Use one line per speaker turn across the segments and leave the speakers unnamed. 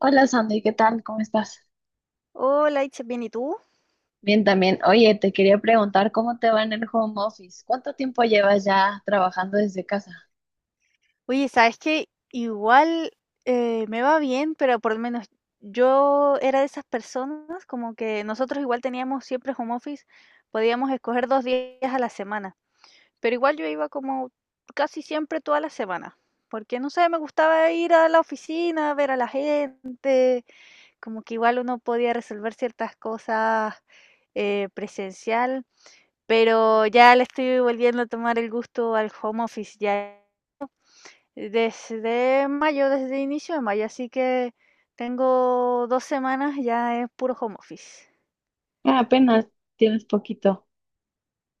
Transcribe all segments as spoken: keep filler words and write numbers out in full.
Hola Sandy, ¿qué tal? ¿Cómo estás?
Hola, Itche, bien, ¿y tú?
Bien, también. Oye, te quería preguntar cómo te va en el home office. ¿Cuánto tiempo llevas ya trabajando desde casa?
Oye, ¿sabes qué? Igual eh, me va bien, pero por lo menos yo era de esas personas, como que nosotros igual teníamos siempre home office, podíamos escoger dos días a la semana, pero igual yo iba como casi siempre toda la semana, porque no sé, me gustaba ir a la oficina, ver a la gente, como que igual uno podía resolver ciertas cosas eh, presencial, pero ya le estoy volviendo a tomar el gusto al home office, ya. Desde mayo, desde inicio de mayo, así que tengo dos semanas, ya es puro home office.
Ah, apenas tienes poquito.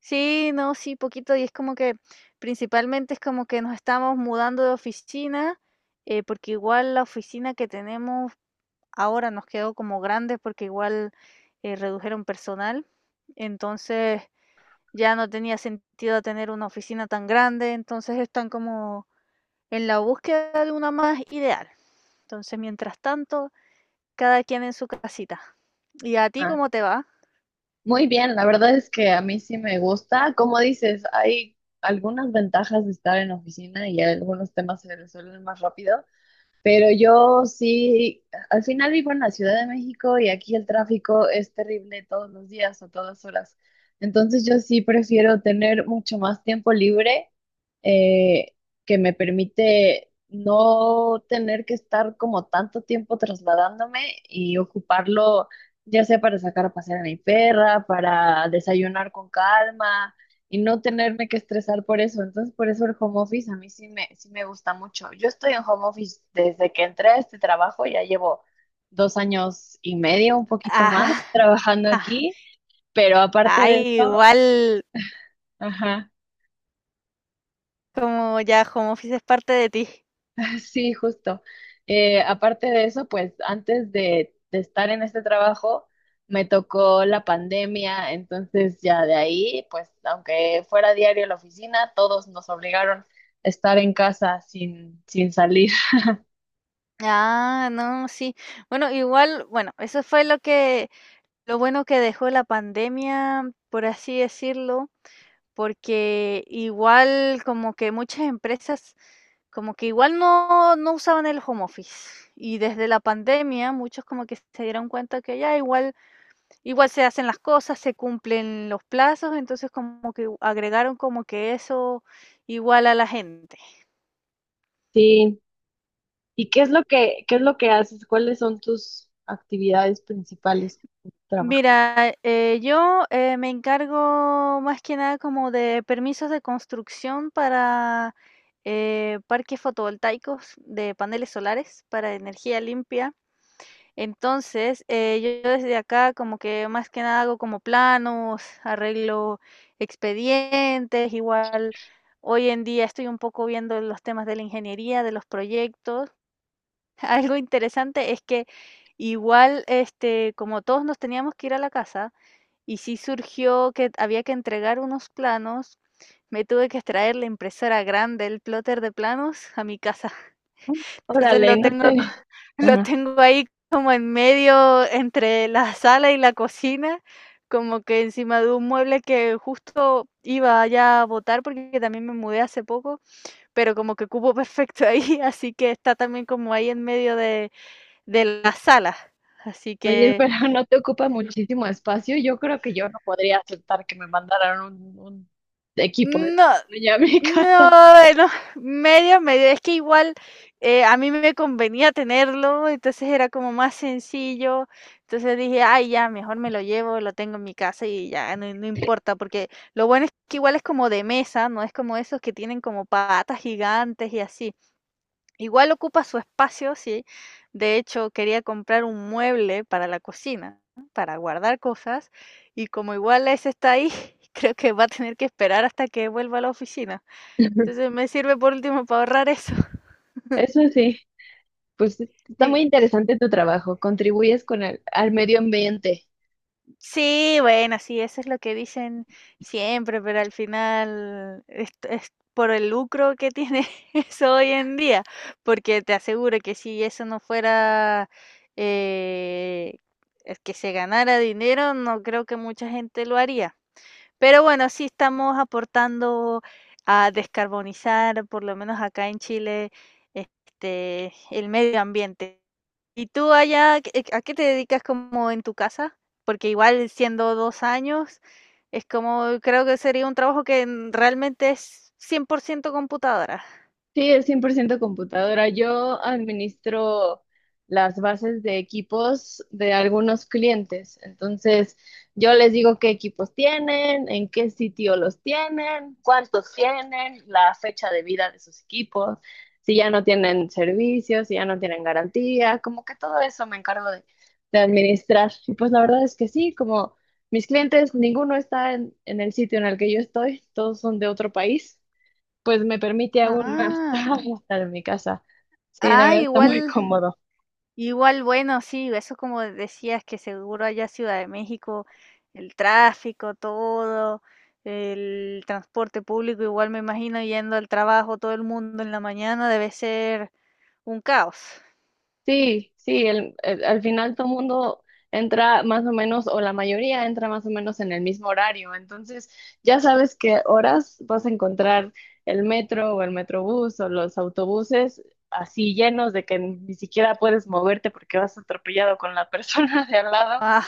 Sí, no, sí, poquito, y es como que principalmente es como que nos estamos mudando de oficina, eh, porque igual la oficina que tenemos ahora nos quedó como grande porque igual, eh, redujeron personal. Entonces, ya no tenía sentido tener una oficina tan grande, entonces están como en la búsqueda de una más ideal. Entonces, mientras tanto, cada quien en su casita. ¿Y a ti
Ah,
cómo te va?
muy bien, la verdad es que a mí sí me gusta. Como dices, hay algunas ventajas de estar en oficina y algunos temas se resuelven más rápido, pero yo sí, al final vivo en la Ciudad de México y aquí el tráfico es terrible todos los días o todas horas. Entonces yo sí prefiero tener mucho más tiempo libre eh, que me permite no tener que estar como tanto tiempo trasladándome y ocuparlo ya sea para sacar a pasear a mi perra, para desayunar con calma y no tenerme que estresar por eso. Entonces, por eso el home office a mí sí me, sí me gusta mucho. Yo estoy en home office desde que entré a este trabajo, ya llevo dos años y medio, un poquito más,
Ah,
trabajando
ah,
aquí, pero aparte
ah,
de eso,
igual,
ajá,
como ya home office es parte de ti.
sí, justo. Eh, aparte de eso, pues antes de, de estar en este trabajo, me tocó la pandemia, entonces ya de ahí, pues aunque fuera diario a la oficina, todos nos obligaron a estar en casa sin, sin salir.
Ah, no, sí. Bueno, igual, bueno, eso fue lo que, lo bueno que dejó la pandemia, por así decirlo, porque igual como que muchas empresas como que igual no, no usaban el home office. Y desde la pandemia muchos como que se dieron cuenta que ya igual, igual se hacen las cosas, se cumplen los plazos, entonces como que agregaron como que eso igual a la gente.
Sí. ¿Y qué es lo que, qué es lo que haces? ¿Cuáles son tus actividades principales en tu trabajo?
Mira, eh, yo eh, me encargo más que nada como de permisos de construcción para eh, parques fotovoltaicos de paneles solares para energía limpia. Entonces, eh, yo desde acá como que más que nada hago como planos, arreglo expedientes, igual hoy en día estoy un poco viendo los temas de la ingeniería, de los proyectos. Algo interesante es que igual, este, como todos nos teníamos que ir a la casa y sí surgió que había que entregar unos planos, me tuve que extraer la impresora grande, el plotter de planos a mi casa.
Mm,
Entonces
órale,
lo
no
tengo, c-
te...
lo
Ajá.
tengo ahí como en medio entre la sala y la cocina, como que encima de un mueble que justo iba ya a botar porque también me mudé hace poco, pero como que cupo perfecto ahí, así que está también como ahí en medio de, de la sala. Así
Oye,
que
pero no te ocupa muchísimo espacio. Yo creo que yo no podría aceptar que me mandaran un, un equipo de
no.
tecnología a mi
No,
casa.
bueno, medio, medio. Es que igual eh, a mí me convenía tenerlo, entonces era como más sencillo. Entonces dije, ay, ya, mejor me lo llevo, lo tengo en mi casa y ya, no, no importa, porque lo bueno es que igual es como de mesa, no es como esos que tienen como patas gigantes y así. Igual ocupa su espacio, sí. De hecho, quería comprar un mueble para la cocina, ¿no? Para guardar cosas, y como igual ese está ahí, creo que va a tener que esperar hasta que vuelva a la oficina. Entonces me sirve por último para ahorrar eso.
Eso sí, pues está
Sí,
muy interesante tu trabajo. Contribuyes con el, al medio ambiente.
sí, bueno, sí, eso es lo que dicen siempre, pero al final es, es por el lucro que tiene eso hoy en día, porque te aseguro que si eso no fuera eh, es que se ganara dinero, no creo que mucha gente lo haría. Pero bueno, sí estamos aportando a descarbonizar, por lo menos acá en Chile, este, el medio ambiente. ¿Y tú allá, qué- a qué te dedicas como en tu casa? Porque igual siendo dos años, es como, creo que sería un trabajo que en- realmente es cien por ciento computadora.
Sí, es cien por ciento computadora. Yo administro las bases de equipos de algunos clientes. Entonces, yo les digo qué equipos tienen, en qué sitio los tienen, cuántos tienen, la fecha de vida de sus equipos, si ya no tienen servicios, si ya no tienen garantía, como que todo eso me encargo de, de administrar. Y pues la verdad es que sí, como mis clientes, ninguno está en en el sitio en el que yo estoy, todos son de otro país, pues me permite aún más
Ah,
estar en mi casa. Sí, la
ah,
verdad está muy
igual.
cómodo.
Igual, bueno, sí, eso como decías que seguro allá Ciudad de México, el tráfico, todo, el transporte público, igual me imagino yendo al trabajo todo el mundo en la mañana debe ser un caos.
Sí, sí, el- el- al final todo el mundo entra más o menos, o la mayoría entra más o menos en el mismo horario, entonces ya sabes qué horas vas a encontrar el metro o el metrobús o los autobuses así llenos de que ni siquiera puedes moverte porque vas atropellado con la persona de al lado.
Ah,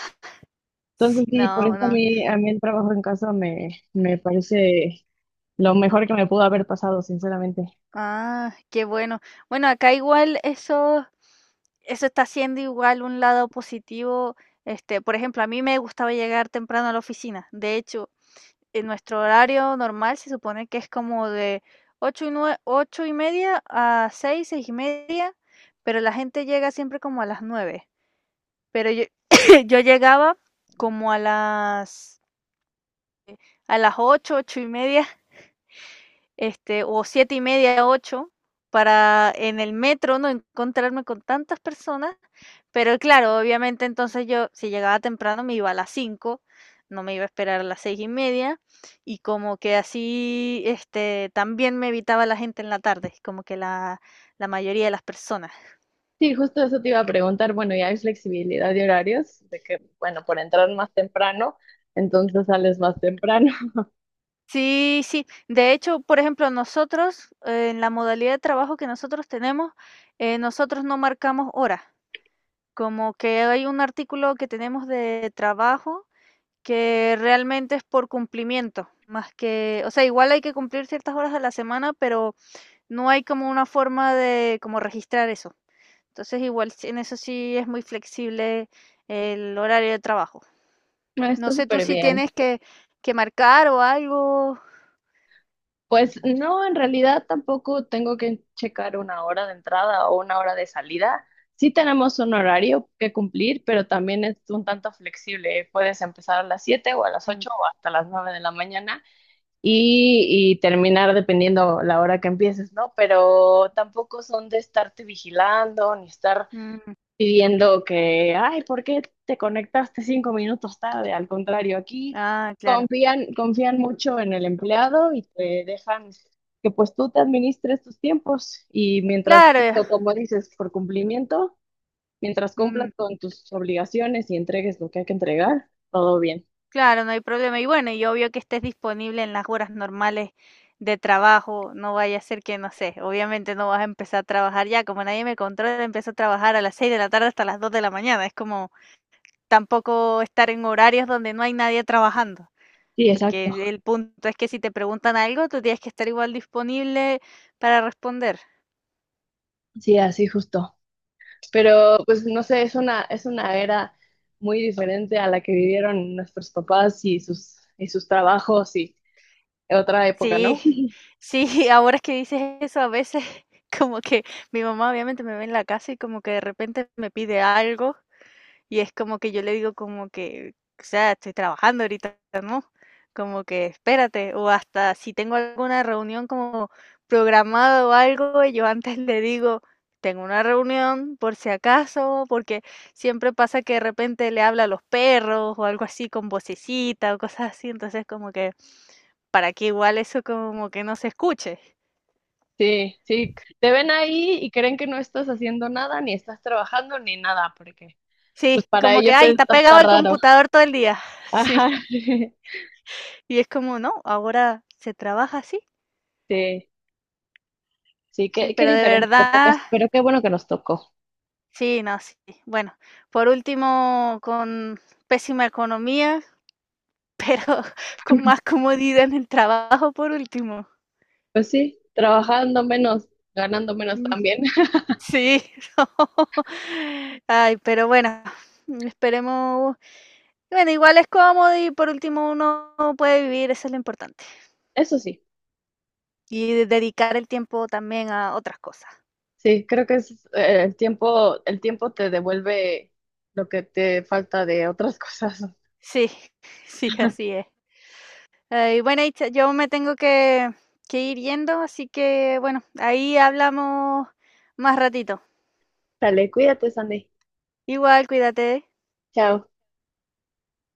Entonces
sí,
sí, por eso
no,
a
no.
mí, a mí el trabajo en casa me, me parece lo mejor que me pudo haber pasado, sinceramente.
Ah, qué bueno. Bueno, acá igual eso eso está siendo igual un lado positivo. Este, por ejemplo, a mí me gustaba llegar temprano a la oficina. De hecho, en nuestro horario normal se supone que es como de ocho y, nue- ocho y media a seis, seis y media, pero la gente llega siempre como a las nueve. Pero yo, yo llegaba como a las, a las ocho, ocho y media, este, o siete y media, ocho, para en el metro no encontrarme con tantas personas. Pero claro, obviamente entonces yo, si llegaba temprano, me iba a las cinco, no me iba a esperar a las seis y media, y como que así, este, también me evitaba la gente en la tarde, como que la, la mayoría de las personas.
Sí, justo eso te iba a preguntar. Bueno, ya hay flexibilidad de horarios, de que, bueno, por entrar más temprano, entonces sales más temprano.
Sí, sí. De hecho, por ejemplo, nosotros, eh, en la modalidad de trabajo que nosotros tenemos, eh, nosotros no marcamos horas. Como que hay un artículo que tenemos de trabajo que realmente es por cumplimiento, más que, o sea, igual hay que cumplir ciertas horas a la semana, pero no hay como una forma de como registrar eso. Entonces, igual sí- en eso sí es muy flexible el horario de trabajo.
Ah,
No
está
sé tú
súper
si
bien.
tienes que, que marcar o algo.
Pues no, en realidad tampoco tengo que checar una hora de entrada o una hora de salida. Sí tenemos un horario que cumplir, pero también es un tanto flexible. Puedes empezar a las siete o a las
Mm,
ocho o hasta las nueve de la mañana y, y terminar dependiendo la hora que empieces, ¿no? Pero tampoco son de estarte vigilando ni estar
mm.
pidiendo que, ay, ¿por qué te conectaste cinco minutos tarde? Al contrario, aquí
Ah, claro.
confían, confían mucho en el empleado y te dejan que pues tú te administres tus tiempos y mientras,
Claro. Eh,
justo como dices, por cumplimiento, mientras cumplas
mm.
con tus obligaciones y entregues lo que hay que entregar, todo bien.
Claro, no hay problema. Y bueno, y obvio que estés disponible en las horas normales de trabajo. No vaya a ser que, no sé, obviamente no vas a empezar a trabajar ya. Como nadie me controla, empiezo a trabajar a las seis de la tarde hasta las dos de la mañana. Es como tampoco estar en horarios donde no hay nadie trabajando.
Sí, exacto.
Porque el punto es que si te preguntan algo, tú tienes que estar igual disponible para responder.
Sí, así justo. Pero pues no sé, es una, es una era muy diferente a la que vivieron nuestros papás y sus, y sus trabajos y otra época, ¿no?
Sí, sí, ahora es que dices eso a veces, como que mi mamá obviamente me ve en la casa y como que de repente me pide algo. Y es como que yo le digo como que, o sea, estoy trabajando ahorita, ¿no? Como que espérate, o hasta si tengo alguna reunión como programada o algo, yo antes le digo, tengo una reunión por si acaso, porque siempre pasa que de repente le habla a los perros o algo así con vocecita o cosas así, entonces como que para que igual eso como que no se escuche.
Sí, sí, te ven ahí y creen que no estás haciendo nada, ni estás trabajando, ni nada, porque
Sí,
pues para
como que,
ellos
ay,
es
está pegado
hasta
al
raro.
computador todo el día.
Ajá,
Sí, y es como, no, ahora se trabaja así.
sí, sí,
Sí,
qué, qué
pero de
diferentes épocas,
verdad,
pero qué bueno que nos tocó.
sí, no, sí. Bueno, por último, con pésima economía, con más comodidad en el trabajo, por último.
Pues sí, trabajando menos, ganando menos
Mm.
también.
Sí, no. Ay, pero bueno, esperemos. Bueno, igual es cómodo y por último uno puede vivir, eso es lo importante.
Eso sí,
Y de- dedicar el tiempo también a otras cosas.
sí, creo que es eh, el tiempo, el tiempo te devuelve lo que te falta de otras cosas.
Sí, sí, así es. Eh, y bueno, Itza, yo me tengo que, que ir yendo, así que bueno, ahí hablamos más ratito.
Dale, cuídate, Sandy.
Igual, cuídate.
Chao.